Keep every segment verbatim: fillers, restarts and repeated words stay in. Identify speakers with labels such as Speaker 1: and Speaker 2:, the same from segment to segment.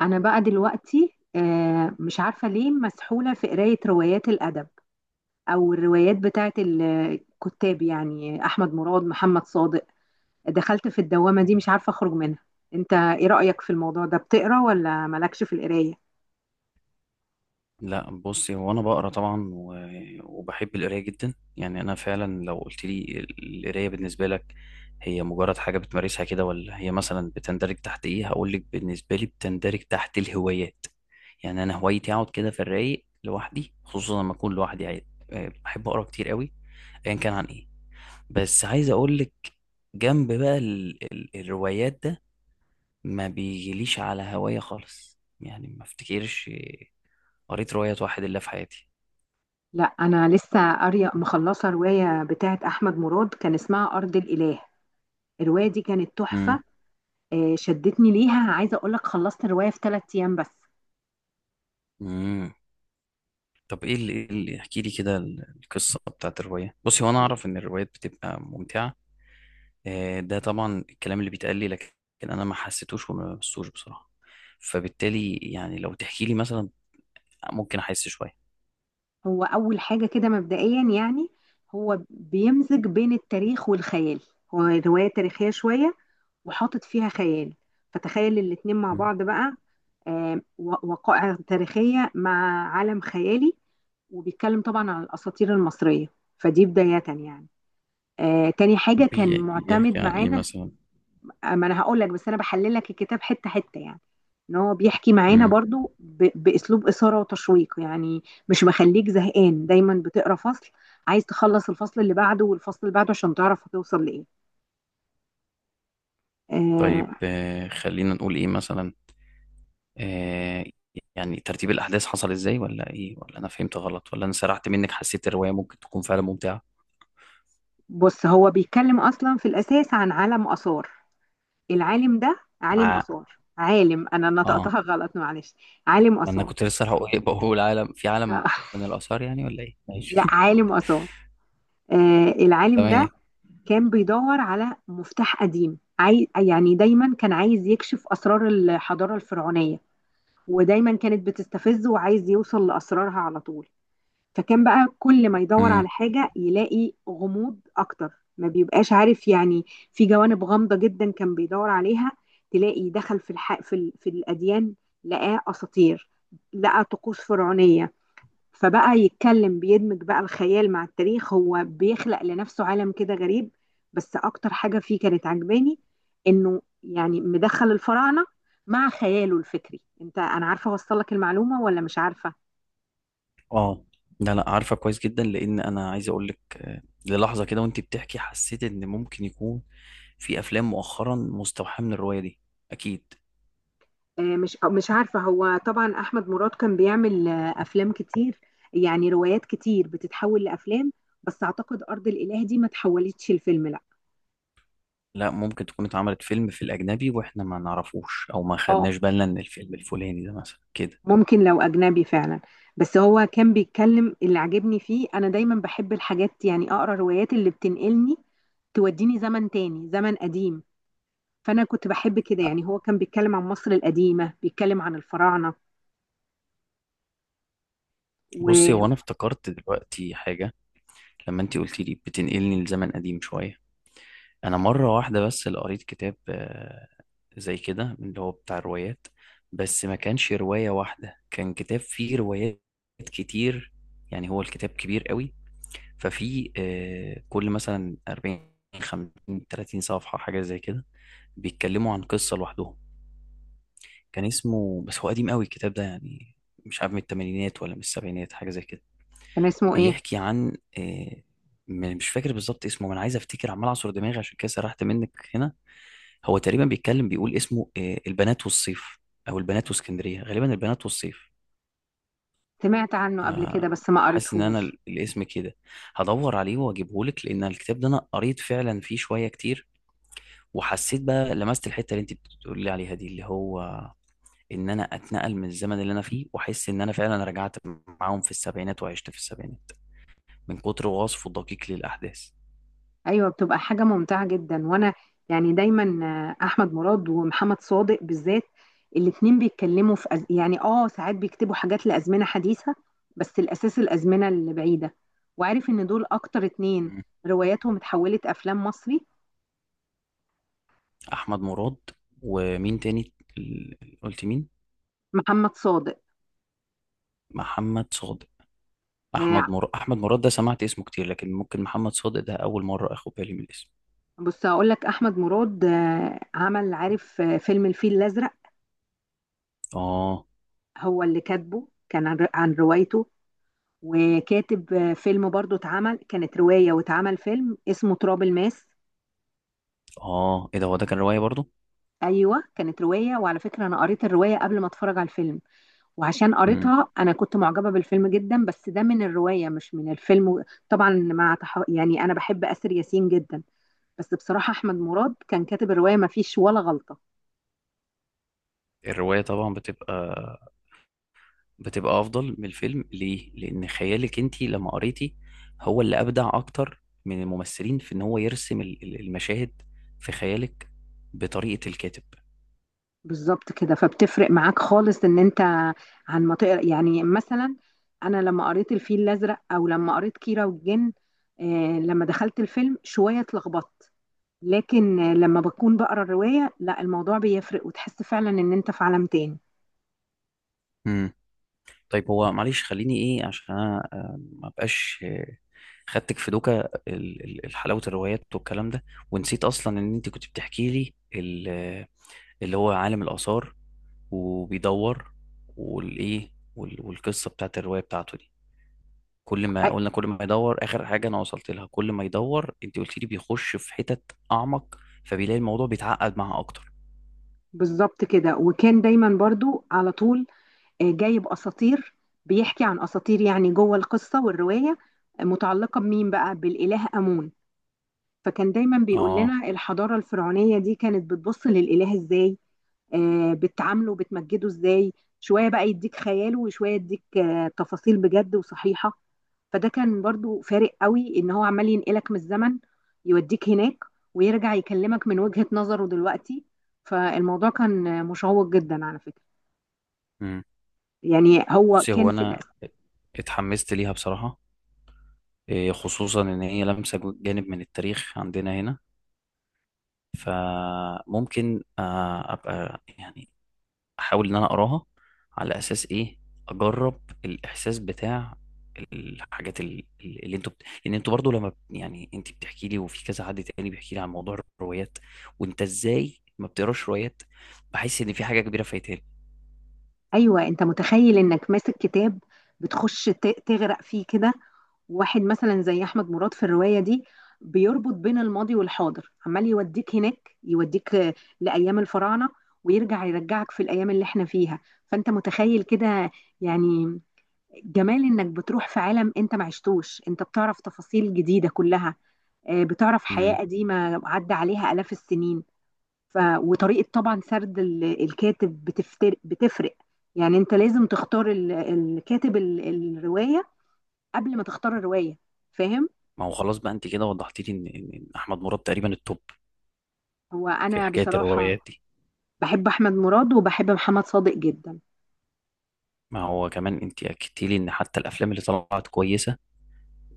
Speaker 1: انا بقى دلوقتي آه، مش عارفه ليه مسحوله في قرايه روايات الادب او الروايات بتاعت ال- الكتاب، يعني احمد مراد، محمد صادق. دخلت في الدوامه دي مش عارفه اخرج منها. انت ايه رايك في الموضوع ده؟ بتقرا ولا مالكش في القرايه؟
Speaker 2: لا، بصي، هو انا بقرا طبعا و- وبحب القرايه جدا. يعني انا فعلا لو قلت لي القرايه بالنسبه لك هي مجرد حاجه بتمارسها كده ولا هي مثلا بتندرج تحت ايه؟ هقول لك، بالنسبه لي بتندرج تحت الهوايات. يعني انا هوايتي اقعد كده في الرايق لوحدي، خصوصا لما اكون لوحدي قاعد. آه، بحب اقرا كتير قوي ايا كان عن ايه. بس عايز اقول لك، جنب بقى ال ال الروايات ده ما بيجيليش على هوايه خالص. يعني ما افتكرش قريت رواية واحد الا في حياتي.
Speaker 1: لا انا لسه قاريه مخلصه روايه بتاعت احمد مراد كان اسمها ارض الاله. الروايه دي كانت تحفه.
Speaker 2: امم.
Speaker 1: آه، شدتني ليها، عايزه اقول لك خلصت الروايه في ثلاث ايام بس.
Speaker 2: امم. طب ايه اللي, إيه اللي، احكي لي كده ال- القصه بتاعت الروايه. بصي، هو انا اعرف ان الروايات بتبقى ممتعه، آه، ده طبعا الكلام اللي بيتقال لي، لكن انا ما حسيتوش وما لمستوش بصراحه. فبالتالي يعني لو تحكي لي مثلا ممكن احس شويه.
Speaker 1: هو أول حاجة كده مبدئيا يعني هو بيمزج بين التاريخ والخيال، هو رواية تاريخية شوية وحاطط فيها خيال، فتخيل الاتنين مع
Speaker 2: مم.
Speaker 1: بعض بقى. آه، و- وقائع تاريخية مع عالم خيالي، وبيتكلم طبعا عن الأساطير المصرية. فدي بداية يعني. آه، تاني حاجة كان
Speaker 2: بي- بيحكي
Speaker 1: معتمد
Speaker 2: عن ايه
Speaker 1: معانا،
Speaker 2: مثلا؟
Speaker 1: ما انا هقول لك، بس انا بحلل لك الكتاب حته حته يعني، ان هو بيحكي معانا
Speaker 2: امم.
Speaker 1: برضو ب... باسلوب اثاره وتشويق يعني. مش مخليك زهقان، دايما بتقرا فصل عايز تخلص الفصل اللي بعده والفصل اللي بعده عشان تعرف هتوصل لايه. آه.
Speaker 2: طيب، آه، خلينا نقول ايه مثلا. آه، يعني ترتيب الاحداث حصل ازاي، ولا ايه، ولا انا فهمت غلط، ولا انا سرحت منك؟ حسيت الروايه ممكن تكون فعلا ممتعه.
Speaker 1: بص، هو بيتكلم اصلا في الاساس عن عالم اثار، العالم ده عالم
Speaker 2: ع-
Speaker 1: اثار، عالم انا
Speaker 2: اه.
Speaker 1: نطقتها غلط، معلش، عالم
Speaker 2: ما انا
Speaker 1: اثار.
Speaker 2: كنت لسه هقول إيه، بقول عالم في
Speaker 1: آه،
Speaker 2: عالم، من الاثار يعني ولا ايه؟
Speaker 1: لا،
Speaker 2: ماشي
Speaker 1: عالم اثار. آه العالم ده
Speaker 2: تمام.
Speaker 1: كان بيدور على مفتاح قديم عاي... يعني دايما كان عايز يكشف أسرار الحضارة الفرعونية، ودايما كانت بتستفزه وعايز يوصل لأسرارها على طول. فكان بقى كل ما يدور
Speaker 2: امم.
Speaker 1: على حاجة يلاقي غموض أكتر، ما بيبقاش عارف يعني. في جوانب غامضة جدا كان بيدور عليها، تلاقي دخل في الح... في, ال... في الأديان، لقاه أساطير، لقى طقوس فرعونية. فبقى يتكلم، بيدمج بقى الخيال مع التاريخ، هو بيخلق لنفسه عالم كده غريب. بس اكتر حاجة فيه كانت عجباني انه يعني مدخل الفراعنة مع خياله الفكري. انت انا عارفة اوصل لك المعلومة ولا مش عارفة؟
Speaker 2: اه. لا، لا، عارفه كويس جدا، لان انا عايز اقول لك، آه، للحظه كده وانت بتحكي حسيت ان ممكن يكون في افلام مؤخرا مستوحاه من الروايه دي، اكيد.
Speaker 1: آه، مش آه، مش عارفة. هو طبعا احمد مراد كان بيعمل آه، افلام كتير، يعني روايات كتير بتتحول لافلام. بس اعتقد ارض الاله دي ما تحولتش الفيلم، لا.
Speaker 2: لا، ممكن تكون اتعملت فيلم في الاجنبي واحنا ما نعرفوش، او ما
Speaker 1: اه،
Speaker 2: خدناش بالنا ان الفيلم الفلاني ده مثلا كده.
Speaker 1: ممكن لو أجنبي فعلا. بس هو كان بيتكلم، اللي عجبني فيه أنا دايما بحب الحاجات يعني، أقرأ روايات اللي بتنقلني، توديني زمن تاني، زمن قديم. فأنا كنت بحب كده
Speaker 2: آه،
Speaker 1: يعني، هو كان بيتكلم عن مصر القديمة، بيتكلم عن الفراعنة.
Speaker 2: بصي، هو
Speaker 1: وكان
Speaker 2: انا افتكرت دلوقتي حاجه. لما انت قلتي لي بتنقلني لزمن قديم شويه، انا مره واحده بس اللي قريت كتاب آه، زي كده، من اللي هو بتاع الروايات، بس ما كانش روايه واحده، كان كتاب فيه روايات كتير. يعني هو الكتاب كبير قوي. ففي آه، كل مثلا أربعين، خمسين، ثلاثين صفحه حاجه زي كده، بيتكلموا عن قصه لوحدهم. كان اسمه، بس هو قديم قوي الكتاب ده يعني، مش عارف من الثمانينات ولا من السبعينات، حاجه زي كده.
Speaker 1: اسمه إيه؟
Speaker 2: بيحكي عن، آه، م- مش فاكر بالظبط اسمه، ما انا عايز افتكر عمال اعصر دماغي عشان كده سرحت منك هنا. هو تقريبا بيتكلم، بيقول اسمه آه، البنات والصيف، او البنات واسكندريه، غالبا البنات والصيف.
Speaker 1: سمعت عنه قبل
Speaker 2: انا
Speaker 1: كده بس ما
Speaker 2: حاسس ان انا
Speaker 1: قريتهوش.
Speaker 2: ال- الاسم كده هدور عليه واجيبه لك، لان الكتاب ده انا قريت فعلا فيه شويه كتير، وحسيت بقى لمست الحته اللي انت بتقولي لي عليها دي، اللي هو ان انا اتنقل من الزمن اللي انا فيه، واحس ان انا فعلا رجعت معاهم في السبعينات وعشت في السبعينات، من كتر وصفه الدقيق للاحداث.
Speaker 1: ايوه بتبقى حاجه ممتعه جدا. وانا يعني دايما آه، احمد مراد ومحمد صادق بالذات الاتنين بيتكلموا في أز... يعني اه ساعات بيكتبوا حاجات لازمنه حديثه، بس الاساس الازمنه اللي بعيده. وعارف ان دول اكتر اتنين
Speaker 2: مم.
Speaker 1: رواياتهم اتحولت افلام مصري.
Speaker 2: احمد مراد ومين تاني؟ ال- قلت مين؟
Speaker 1: محمد صادق.
Speaker 2: محمد صادق. احمد
Speaker 1: آه،
Speaker 2: مر... احمد مراد ده سمعت اسمه كتير، لكن ممكن محمد صادق ده اول مره اخد بالي من الاسم.
Speaker 1: بص هقول لك، احمد مراد آه، عمل، عارف، آه، فيلم الفيل الازرق،
Speaker 2: اه.
Speaker 1: هو اللي كاتبه، كان عن عن روايته، وكاتب آه، فيلم برضه اتعمل، كانت روايه واتعمل فيلم اسمه تراب الماس.
Speaker 2: اه، ايه ده، هو ده كان روايه برضو؟
Speaker 1: ايوه كانت روايه، وعلى فكره انا قريت الروايه قبل ما اتفرج على الفيلم، وعشان
Speaker 2: مم.
Speaker 1: قريتها انا كنت معجبه بالفيلم جدا، بس ده من الروايه مش من الفيلم. طبعا مع تح... يعني انا بحب اسر ياسين جدا، بس بصراحه احمد مراد كان كاتب الروايه ما فيش ولا غلطه.
Speaker 2: الروايه طبعا بتبقى بتبقى افضل من الفيلم، ليه؟ لان خيالك انت لما قريتي هو اللي ابدع اكتر من الممثلين، في ان هو يرسم ال- ال- المشاهد في خيالك بطريقه الكاتب.
Speaker 1: بالظبط كده، فبتفرق معاك خالص ان انت عن ما تقرا يعني، مثلا انا لما قريت الفيل الازرق او لما قريت كيرة والجن، آه، لما دخلت الفيلم شويه اتلخبطت. لكن لما بكون بقرا الروايه لا، الموضوع بيفرق وتحس فعلا ان انت في عالم تاني.
Speaker 2: امم. طيب، هو معلش خليني ايه، عشان انا آه، ما بقاش خدتك في دوكا ال- ال- ال- حلاوة الروايات والكلام ده، ونسيت أصلا إن أنت كنت بتحكي لي ال- اللي هو عالم الآثار، وبيدور، والإيه، وال- والقصة بتاعت الرواية بتاعته دي. كل
Speaker 1: أي،
Speaker 2: ما قلنا، كل ما يدور، آخر حاجة أنا وصلت لها، كل ما يدور أنت قلت لي بيخش في حتت أعمق، فبيلاقي الموضوع بيتعقد معاه أكتر.
Speaker 1: بالظبط كده. وكان دايما برضو على طول آه، جايب اساطير، بيحكي عن اساطير يعني جوه القصه والروايه، آه، متعلقه بمين بقى؟ بالاله امون. فكان دايما بيقول
Speaker 2: آه.
Speaker 1: لنا الحضاره الفرعونيه دي كانت بتبص للاله ازاي، آه، بتعامله، بتمجده ازاي. شويه بقى يديك خياله، وشويه يديك آه، تفاصيل بجد وصحيحه. فده كان برضو فارق قوي ان هو عمال ينقلك من الزمن، يوديك هناك ويرجع يكلمك من وجهة نظره دلوقتي. فالموضوع كان مشوق جدا على فكرة.
Speaker 2: مم.
Speaker 1: يعني هو
Speaker 2: بصي،
Speaker 1: كان
Speaker 2: هو
Speaker 1: في
Speaker 2: أنا
Speaker 1: الأس-
Speaker 2: اتحمست ليها بصراحة، إيه، خصوصا إن هي لمسة جانب من التاريخ عندنا هنا. فممكن آه، ابقى يعني احاول ان انا اقراها، على اساس ايه؟ اجرب الاحساس بتاع الحاجات ال- ال- اللي انتوا بت... لان انتوا برضو لما بت- يعني انت بتحكي لي، وفي كذا حد تاني بيحكي لي عن موضوع الروايات، وانت ازاي ما بتقراش روايات، بحس ان في حاجه كبيره فايتاني.
Speaker 1: ايوه، انت متخيل انك ماسك كتاب، بتخش ت- تغرق فيه كده. واحد مثلا زي احمد مراد في الروايه دي بيربط بين الماضي والحاضر، عمال يوديك هناك، يوديك آه، لايام الفراعنه، ويرجع يرجعك في الايام اللي احنا فيها. فانت متخيل كده يعني، جمال انك بتروح في عالم انت ما عشتوش، انت بتعرف تفاصيل جديدة كلها، آه، بتعرف حياة
Speaker 2: امم.
Speaker 1: قديمة عدى عليها آلاف السنين. ف... وطريقة طبعا سرد ال- الكاتب بتفتر... بتفرق. يعني انت لازم تختار ال... الكاتب، ال... الرواية قبل ما تختار الرواية، فاهم؟
Speaker 2: ما هو خلاص بقى، انت كده وضحت لي ان إن- إن احمد مراد تقريبا التوب
Speaker 1: هو
Speaker 2: في
Speaker 1: انا
Speaker 2: حكايه الروايات
Speaker 1: بصراحة
Speaker 2: دي.
Speaker 1: بحب احمد مراد وبحب محمد صادق جدا.
Speaker 2: ما هو كمان انت اكدتي لي ان حتى الافلام اللي طلعت كويسه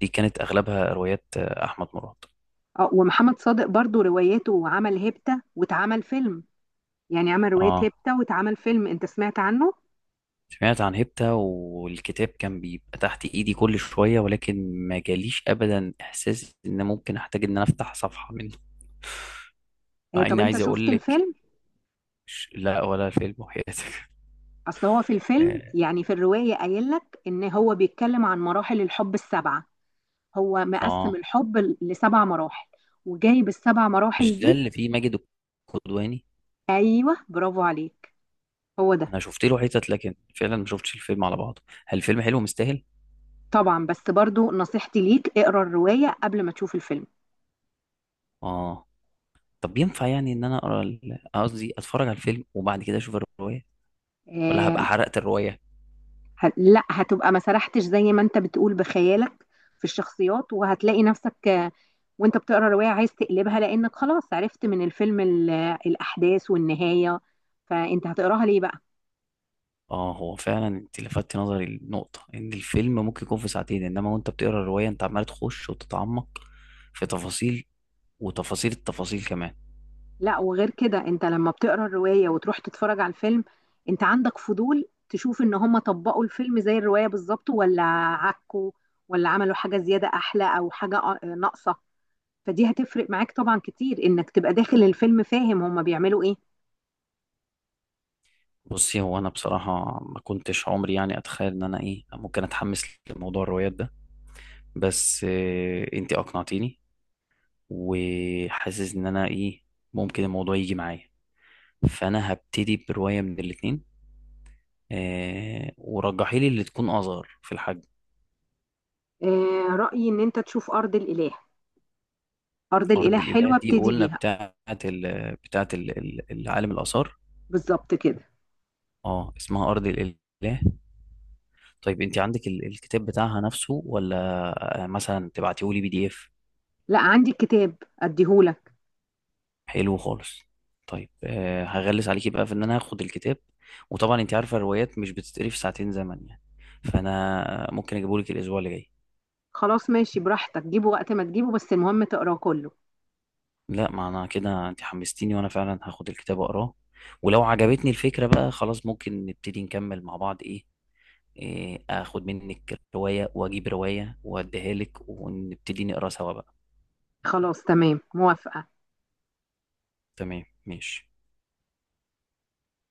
Speaker 2: دي كانت اغلبها روايات آه، احمد مراد.
Speaker 1: اه، ومحمد صادق برضو رواياته، عمل هيبتا واتعمل فيلم، يعني عمل رواية
Speaker 2: اه،
Speaker 1: هيبتا واتعمل فيلم، انت سمعت عنه؟
Speaker 2: سمعت عن هيبتا، والكتاب كان بيبقى تحت ايدي كل شوية، ولكن ما جاليش ابدا احساس ان ممكن احتاج ان انا افتح صفحة منه.
Speaker 1: آه،
Speaker 2: مع
Speaker 1: طب
Speaker 2: اني
Speaker 1: انت
Speaker 2: عايز
Speaker 1: شفت
Speaker 2: اقول لك،
Speaker 1: الفيلم؟
Speaker 2: ش- لا، ولا فيلم وحياتك
Speaker 1: اصل هو في الفيلم
Speaker 2: اه.
Speaker 1: يعني في الرواية قايل لك ان هو بيتكلم عن مراحل الحب السبعة، هو مقسم
Speaker 2: آه.
Speaker 1: الحب ل- لسبع مراحل، وجايب السبع مراحل
Speaker 2: مش ده
Speaker 1: دي.
Speaker 2: اللي فيه ماجد الكدواني؟
Speaker 1: ايوه برافو عليك، هو ده.
Speaker 2: انا شفت له حتت لكن فعلا ما شفتش الفيلم على بعضه، هل الفيلم حلو مستاهل؟
Speaker 1: طبعا، بس برضو نصيحتي ليك اقرا الرواية قبل ما تشوف الفيلم.
Speaker 2: اه. طب ينفع يعني ان انا اقرا ال- قصدي اتفرج على الفيلم وبعد كده اشوف الرواية، ولا هبقى
Speaker 1: آه.
Speaker 2: حرقت الرواية؟
Speaker 1: ه- لا، هتبقى ما سرحتش زي ما انت بتقول بخيالك في الشخصيات، وهتلاقي نفسك آه، وانت بتقرا الرواية عايز تقلبها لانك خلاص عرفت من الفيلم ال- الاحداث والنهاية، فانت هتقراها ليه بقى؟
Speaker 2: اه، هو فعلا انت لفتت نظري النقطة، ان الفيلم ممكن يكون في ساعتين، انما وانت بتقرا الرواية انت عمال تخش وتتعمق في تفاصيل، وتفاصيل التفاصيل كمان.
Speaker 1: لا وغير كده انت لما بتقرا الروايه وتروح تتفرج على الفيلم، انت عندك فضول تشوف ان هم طبقوا الفيلم زي الروايه بالظبط، ولا عكوا، ولا عملوا حاجه زياده احلى او حاجه آه، ناقصه. فدي هتفرق معاك طبعا كتير، انك تبقى داخل الفيلم فاهم هم بيعملوا ايه.
Speaker 2: بصي، هو انا بصراحة ما كنتش عمري يعني اتخيل ان انا ايه، ممكن اتحمس لموضوع الروايات ده، بس آه انت اقنعتيني، وحاسس ان انا ايه، ممكن الموضوع يجي معايا. فانا هبتدي برواية من الاتنين، آه ورجحيلي اللي تكون اصغر في الحجم.
Speaker 1: آه رايي ان انت تشوف ارض الاله، ارض الاله
Speaker 2: ارض الاله
Speaker 1: حلوه
Speaker 2: دي
Speaker 1: ابتدي
Speaker 2: قلنا
Speaker 1: بيها.
Speaker 2: بتاعت ال... بتاعت ال... ال- العالم الاثار.
Speaker 1: بالظبط كده.
Speaker 2: اه، اسمها ارض الاله. طيب انت عندك ال... الكتاب بتاعها نفسه، ولا آه، مثلا تبعتيه لي بي دي اف؟
Speaker 1: لا عندي الكتاب اديهولك.
Speaker 2: حلو خالص. طيب، آه، هغلس عليكي بقى في ان انا هاخد الكتاب، وطبعا انت عارفه الروايات مش بتتقري في ساعتين زمن يعني، فانا ممكن اجيبهولك الاسبوع اللي جاي.
Speaker 1: خلاص ماشي، براحتك، جيبه وقت ما تجيبه، بس المهم تقراه كله.
Speaker 2: لا، ما انا كده انت حمستيني، وانا فعلا هاخد الكتاب اقراه، ولو عجبتني الفكره بقى خلاص ممكن نبتدي نكمل مع بعض، ايه، إيه، اخد منك روايه واجيب روايه واديها لك، ونبتدي نقرا سوا بقى.
Speaker 1: خلاص تمام موافقه.
Speaker 2: تمام، ماشي.